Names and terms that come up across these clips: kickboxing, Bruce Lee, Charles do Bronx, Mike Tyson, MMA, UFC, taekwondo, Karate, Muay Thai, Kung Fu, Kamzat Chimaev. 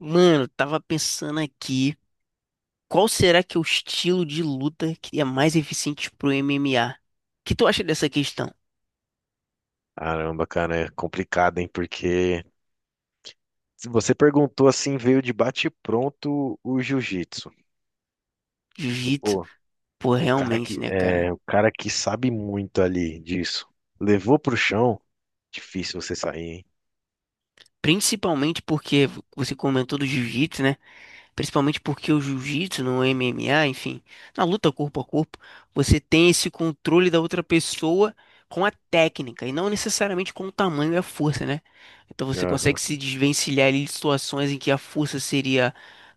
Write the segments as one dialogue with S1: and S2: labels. S1: Mano, tava pensando aqui, qual será que é o estilo de luta que é mais eficiente pro MMA? O que tu acha dessa questão?
S2: Caramba, cara, é complicado, hein? Porque se você perguntou assim, veio de bate-pronto o jiu-jitsu. E,
S1: Jiu-jitsu,
S2: pô,
S1: pô, realmente, né, cara?
S2: o cara que sabe muito ali disso, levou pro chão, difícil você sair, hein?
S1: Principalmente porque você comentou do jiu-jitsu, né? Principalmente porque o jiu-jitsu, no MMA, enfim, na luta corpo a corpo, você tem esse controle da outra pessoa com a técnica e não necessariamente com o tamanho e a força, né? Então você
S2: Aham,
S1: consegue se desvencilhar ali de situações em que a força seria,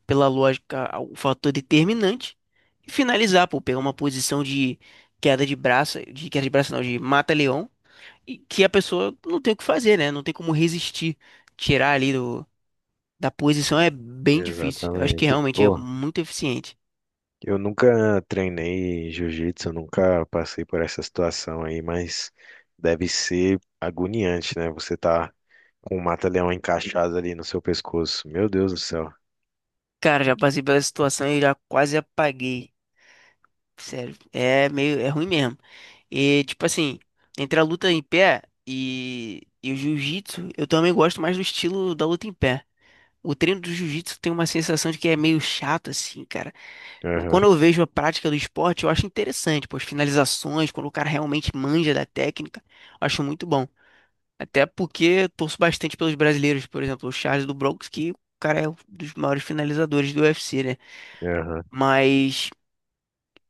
S1: pela lógica, o fator determinante e finalizar, pô, pegar uma posição de queda de braço, de queda de braço não, de mata-leão, e que a pessoa não tem o que fazer, né? Não tem como resistir, tirar ali da posição é bem difícil. Eu acho que
S2: exatamente.
S1: realmente é
S2: Pô,
S1: muito eficiente.
S2: eu nunca treinei jiu-jitsu, eu nunca passei por essa situação aí, mas deve ser agoniante, né? Você tá com o mata-leão encaixado ali no seu pescoço. Meu Deus do céu.
S1: Cara, já passei pela situação e já quase apaguei. Sério, é meio, é ruim mesmo. E tipo assim, entre a luta em pé e o jiu-jitsu, eu também gosto mais do estilo da luta em pé. O treino do jiu-jitsu tem uma sensação de que é meio chato assim, cara.
S2: Aham,
S1: Quando eu vejo a prática do esporte, eu acho interessante, pô, as finalizações, quando o cara realmente manja da técnica, eu acho muito bom. Até porque torço bastante pelos brasileiros, por exemplo, o Charles do Bronx, que o cara é um dos maiores finalizadores do UFC, né?
S2: aham,
S1: Mas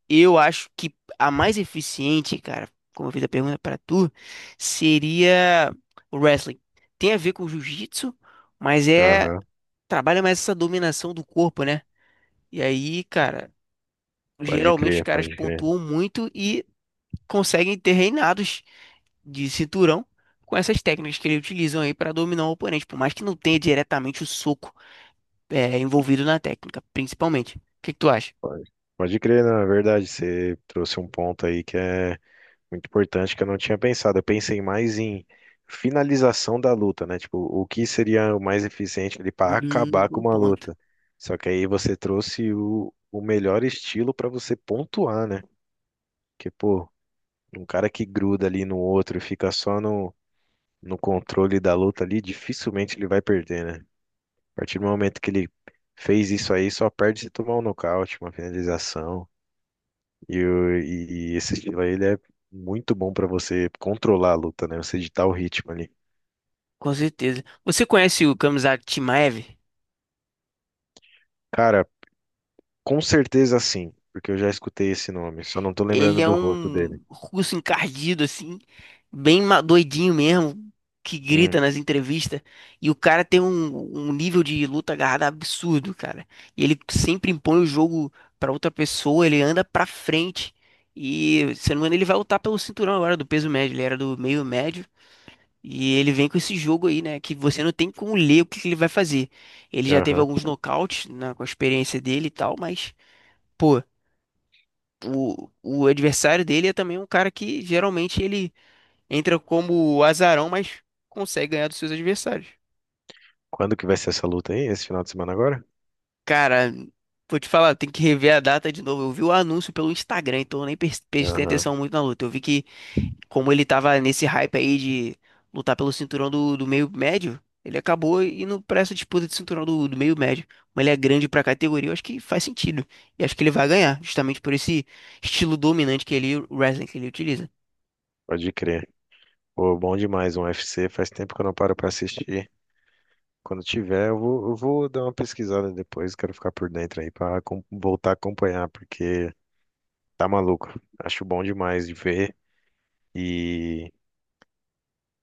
S1: eu acho que a mais eficiente, cara, como eu fiz a pergunta pra tu, seria o wrestling. Tem a ver com o jiu-jitsu, mas é
S2: aham.
S1: trabalha mais essa dominação do corpo, né? E aí, cara,
S2: Pode
S1: geralmente os
S2: crer,
S1: caras
S2: pode crer.
S1: pontuam muito e conseguem ter reinados de cinturão com essas técnicas que ele utilizam aí para dominar o oponente, por mais que não tenha diretamente o soco é, envolvido na técnica, principalmente. O que que tu acha?
S2: Pode, pode crer, na verdade, você trouxe um ponto aí que é muito importante que eu não tinha pensado. Eu pensei mais em finalização da luta, né? Tipo, o que seria o mais eficiente ali para acabar com
S1: Bom
S2: uma
S1: ponto.
S2: luta. Só que aí você trouxe o melhor estilo para você pontuar, né? Porque, pô, um cara que gruda ali no outro e fica só no controle da luta ali, dificilmente ele vai perder, né? A partir do momento que ele fez isso aí, só perde se tomar um nocaute, uma finalização. E esse estilo aí, ele é muito bom pra você controlar a luta, né? Você ditar o ritmo ali.
S1: Com certeza. Você conhece o Kamzat Chimaev?
S2: Cara, com certeza sim, porque eu já escutei esse nome, só não tô lembrando
S1: Ele é
S2: do rosto
S1: um
S2: dele.
S1: russo encardido, assim, bem doidinho mesmo, que grita
S2: Hum,
S1: nas entrevistas. E o cara tem um nível de luta agarrada absurdo, cara. E ele sempre impõe o jogo pra outra pessoa, ele anda pra frente. E, se não me engano, ele vai lutar pelo cinturão agora do peso médio. Ele era do meio médio. E ele vem com esse jogo aí, né? Que você não tem como ler o que que ele vai fazer. Ele já teve
S2: aham.
S1: alguns nocautes, né, com a experiência dele e tal, mas. Pô, o adversário dele é também um cara que geralmente ele entra como azarão, mas consegue ganhar dos seus adversários.
S2: Quando que vai ser essa luta aí? Esse final de semana agora?
S1: Cara, vou te falar, tem que rever a data de novo. Eu vi o anúncio pelo Instagram, então eu nem prestei
S2: Aham,
S1: atenção muito na luta. Eu vi que, como ele tava nesse hype aí de lutar pelo cinturão do, do meio médio, ele acabou indo pra essa disputa de cinturão do, do meio médio. Mas ele é grande pra categoria, eu acho que faz sentido. E acho que ele vai ganhar, justamente por esse estilo dominante que ele, o wrestling que ele utiliza.
S2: pode crer. Pô, bom demais um UFC, faz tempo que eu não paro pra assistir. Quando tiver, eu vou dar uma pesquisada depois, quero ficar por dentro aí pra voltar a acompanhar, porque tá maluco. Acho bom demais de ver e,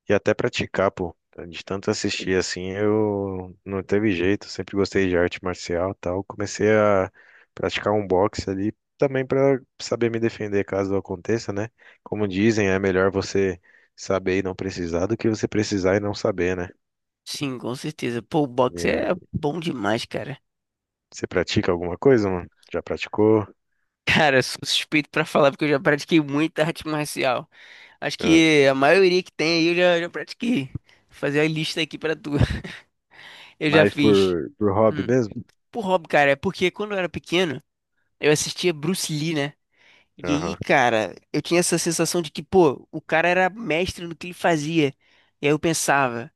S2: e até praticar, pô. De tanto assistir assim, eu não teve jeito, sempre gostei de arte marcial e tal. Comecei a praticar um boxe ali também pra saber me defender caso aconteça, né? Como dizem, é melhor você saber e não precisar do que você precisar e não saber, né?
S1: Sim, com certeza. Pô, o
S2: E,
S1: boxe
S2: é,
S1: é bom demais, cara.
S2: Você pratica alguma coisa, mano? Já praticou?
S1: Cara, sou suspeito pra falar porque eu já pratiquei muita arte marcial. Acho
S2: Ah,
S1: que a maioria que tem aí eu já pratiquei. Vou fazer a lista aqui pra tu. Eu já
S2: mais
S1: fiz.
S2: por hobby
S1: Hum.
S2: mesmo?
S1: Por hobby, cara, é porque quando eu era pequeno, eu assistia Bruce Lee, né? E aí,
S2: Aham,
S1: cara, eu tinha essa sensação de que, pô, o cara era mestre no que ele fazia. E aí eu pensava.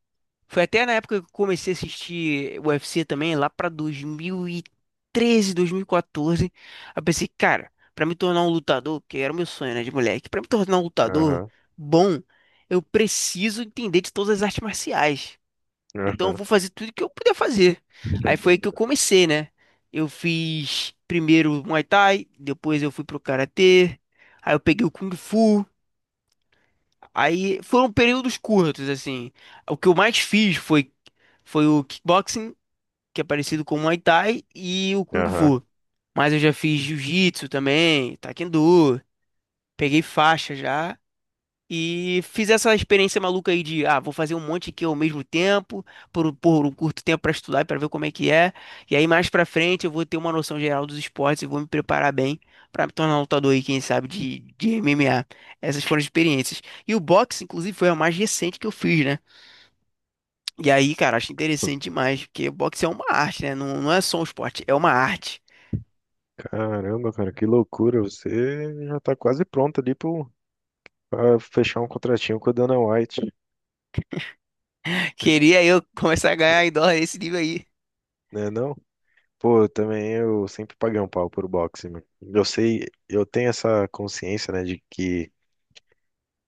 S1: Foi até na época que eu comecei a assistir UFC também, lá pra 2013, 2014. Aí eu pensei, cara, pra me tornar um lutador, que era o meu sonho, né, de moleque, pra me tornar um lutador
S2: aham,
S1: bom, eu preciso entender de todas as artes marciais. Então eu
S2: aham,
S1: vou fazer tudo que eu puder fazer. Aí foi aí que eu comecei, né? Eu fiz primeiro Muay Thai, depois eu fui pro Karatê, aí eu peguei o Kung Fu. Aí foram períodos curtos, assim. O que eu mais fiz foi, foi o kickboxing, que é parecido com o Muay Thai, e o Kung
S2: aham.
S1: Fu. Mas eu já fiz jiu-jitsu também, taekwondo, peguei faixa já. E fiz essa experiência maluca aí de, ah, vou fazer um monte aqui ao mesmo tempo, por um curto tempo para estudar e para ver como é que é. E aí mais para frente eu vou ter uma noção geral dos esportes e vou me preparar bem para me tornar um lutador aí, quem sabe, de MMA. Essas foram as experiências. E o boxe, inclusive, foi a mais recente que eu fiz, né? E aí, cara, acho interessante demais, porque boxe é uma arte, né? Não é só um esporte, é uma arte.
S2: Caramba, cara, que loucura. Você já tá quase pronto ali pra fechar um contratinho com a Dana White,
S1: Queria eu começar a ganhar em dólar esse nível aí.
S2: né não? Pô, eu também eu sempre paguei um pau por boxe, mano. Eu sei, eu tenho essa consciência, né, de que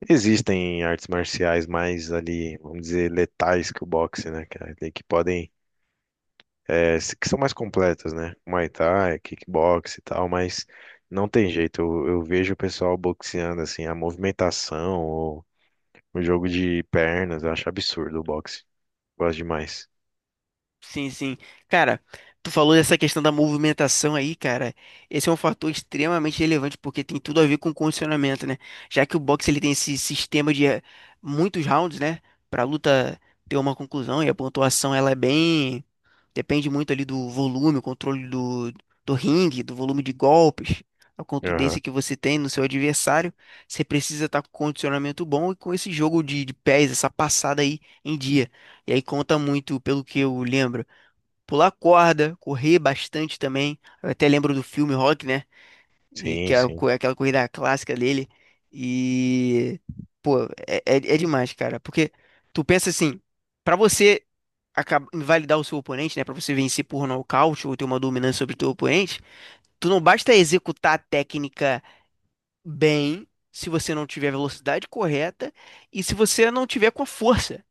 S2: existem artes marciais mais ali, vamos dizer, letais que o boxe, né, cara? Ali que podem, que são mais completas, né? Muay Thai, kickbox e tal, mas não tem jeito. Eu vejo o pessoal boxeando, assim, a movimentação, o jogo de pernas, eu acho absurdo o boxe. Gosto demais.
S1: Sim, sim. Cara, tu falou dessa questão da movimentação aí, cara. Esse é um fator extremamente relevante porque tem tudo a ver com condicionamento, né? Já que o boxe ele tem esse sistema de muitos rounds, né? Pra luta ter uma conclusão e a pontuação ela é bem depende muito ali do volume, o controle do, do ringue, do volume de golpes, a contundência
S2: Aham.
S1: que você tem no seu adversário. Você precisa estar com condicionamento bom e com esse jogo de pés, essa passada aí em dia. E aí conta muito, pelo que eu lembro, pular corda, correr bastante também. Eu até lembro do filme Rock, né? E que
S2: Sim,
S1: é a
S2: sim,
S1: é aquela corrida clássica dele. E, pô, é, é demais, cara. Porque tu pensa assim, pra você invalidar o seu oponente, né, para você vencer por nocaute ou ter uma dominância sobre o teu oponente, tu não basta executar a técnica bem se você não tiver a velocidade correta e se você não tiver com a força.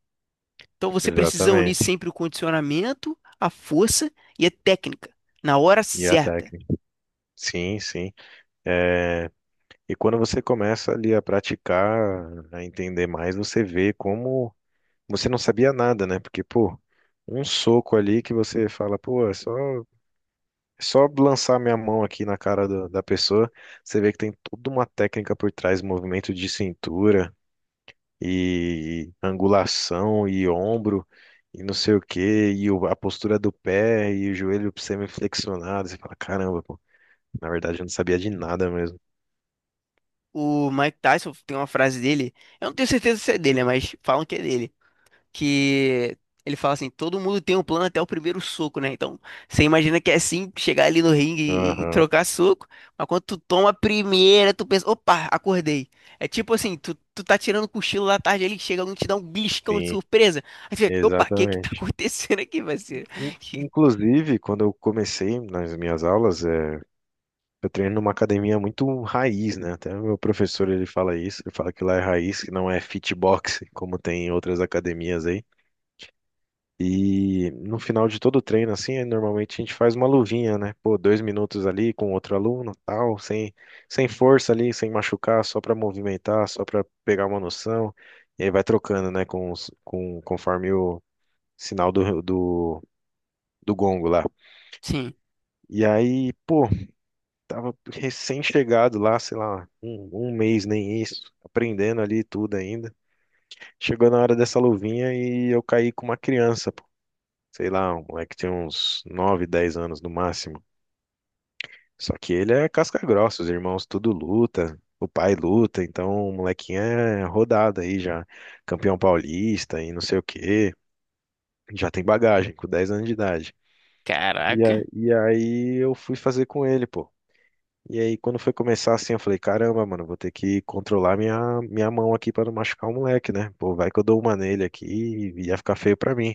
S1: Então você precisa unir
S2: exatamente.
S1: sempre o condicionamento, a força e a técnica na hora
S2: E a
S1: certa.
S2: técnica. Sim, sim. É, E quando você começa ali a praticar, a entender mais, você vê como você não sabia nada, né? Porque, pô, um soco ali que você fala, pô, é só lançar minha mão aqui na cara da pessoa, você vê que tem toda uma técnica por trás, movimento de cintura, e angulação e ombro e não sei o quê, e o- a postura do pé e o joelho semiflexionado. Você fala, caramba, pô, na verdade eu não sabia de nada mesmo.
S1: O Mike Tyson tem uma frase dele, eu não tenho certeza se é dele, né, mas falam que é dele que ele fala assim, todo mundo tem um plano até o primeiro soco, né? Então, você imagina que é assim, chegar ali no ringue e
S2: Aham,
S1: trocar soco, mas quando tu toma a primeira, tu pensa, opa, acordei. É tipo assim, tu tá tirando cochilo da tarde, ele chega alguém e te dá um beliscão de
S2: sim,
S1: surpresa. Aí tu fica, opa, o que que tá
S2: exatamente.
S1: acontecendo aqui, parceiro? E-
S2: Inclusive, quando eu comecei nas minhas aulas, eu treino numa academia muito raiz, né? Até o meu professor ele fala isso, ele fala que lá é raiz, que não é fitbox, como tem em outras academias aí. E no final de todo o treino, assim, normalmente a gente faz uma luvinha, né? Pô, 2 minutos ali com outro aluno, tal, sem força ali, sem machucar, só para movimentar, só para pegar uma noção. E aí vai trocando, né? Conforme o sinal do, gongo lá.
S1: Sim,
S2: E aí, pô, tava recém-chegado lá, sei lá, um mês, nem isso, aprendendo ali tudo ainda. Chegou na hora dessa luvinha e eu caí com uma criança. Sei lá, um moleque tinha uns 9, 10 anos no máximo. Só que ele é casca grossa, os irmãos tudo luta, o pai luta, então o molequinho é rodado aí já, campeão paulista e não sei o quê, já tem bagagem com 10 anos de idade.
S1: caraca.
S2: E aí eu fui fazer com ele, pô. E aí quando foi começar assim, eu falei, caramba, mano, vou ter que controlar minha mão aqui pra não machucar o moleque, né? Pô, vai que eu dou uma nele aqui e ia ficar feio pra mim.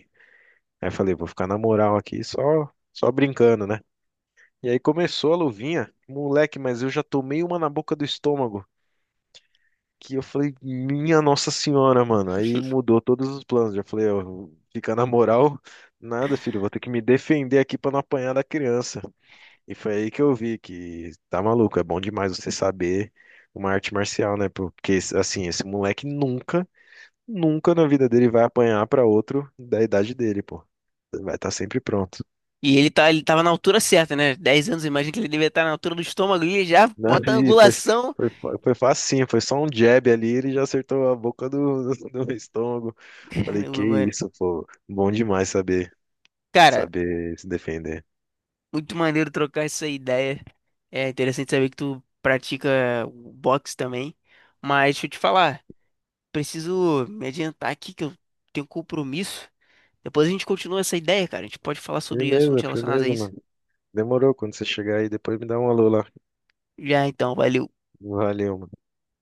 S2: Aí eu falei, vou ficar na moral aqui só, brincando, né? E aí começou a luvinha. Moleque, mas eu já tomei uma na boca do estômago. Que eu falei, minha Nossa Senhora, mano. Aí mudou todos os planos. Já falei, ó, ficar na moral, nada, filho. Vou ter que me defender aqui pra não apanhar da criança. E foi aí que eu vi que tá maluco. É bom demais você saber uma arte marcial, né? Porque, assim, esse moleque nunca, na vida dele vai apanhar pra outro da idade dele, pô. Vai estar sempre pronto.
S1: Ele tava na altura certa, né? 10 anos, imagina que ele devia estar na altura do estômago ali, já
S2: Não,
S1: bota a
S2: e
S1: angulação.
S2: foi, foi facinho, foi só um jab ali, ele já acertou a boca do, do estômago. Falei, que
S1: Caramba, mano.
S2: isso, pô, bom demais saber,
S1: Cara,
S2: saber se defender.
S1: muito maneiro trocar essa ideia. É interessante saber que tu pratica o boxe também. Mas deixa eu te falar, preciso me adiantar aqui que eu tenho um compromisso. Depois a gente continua essa ideia, cara. A gente pode falar sobre assuntos
S2: Firmeza,
S1: relacionados a
S2: firmeza,
S1: isso.
S2: mano. Demorou, quando você chegar aí, depois me dá um alô lá.
S1: Já então, valeu.
S2: Valeu, mano.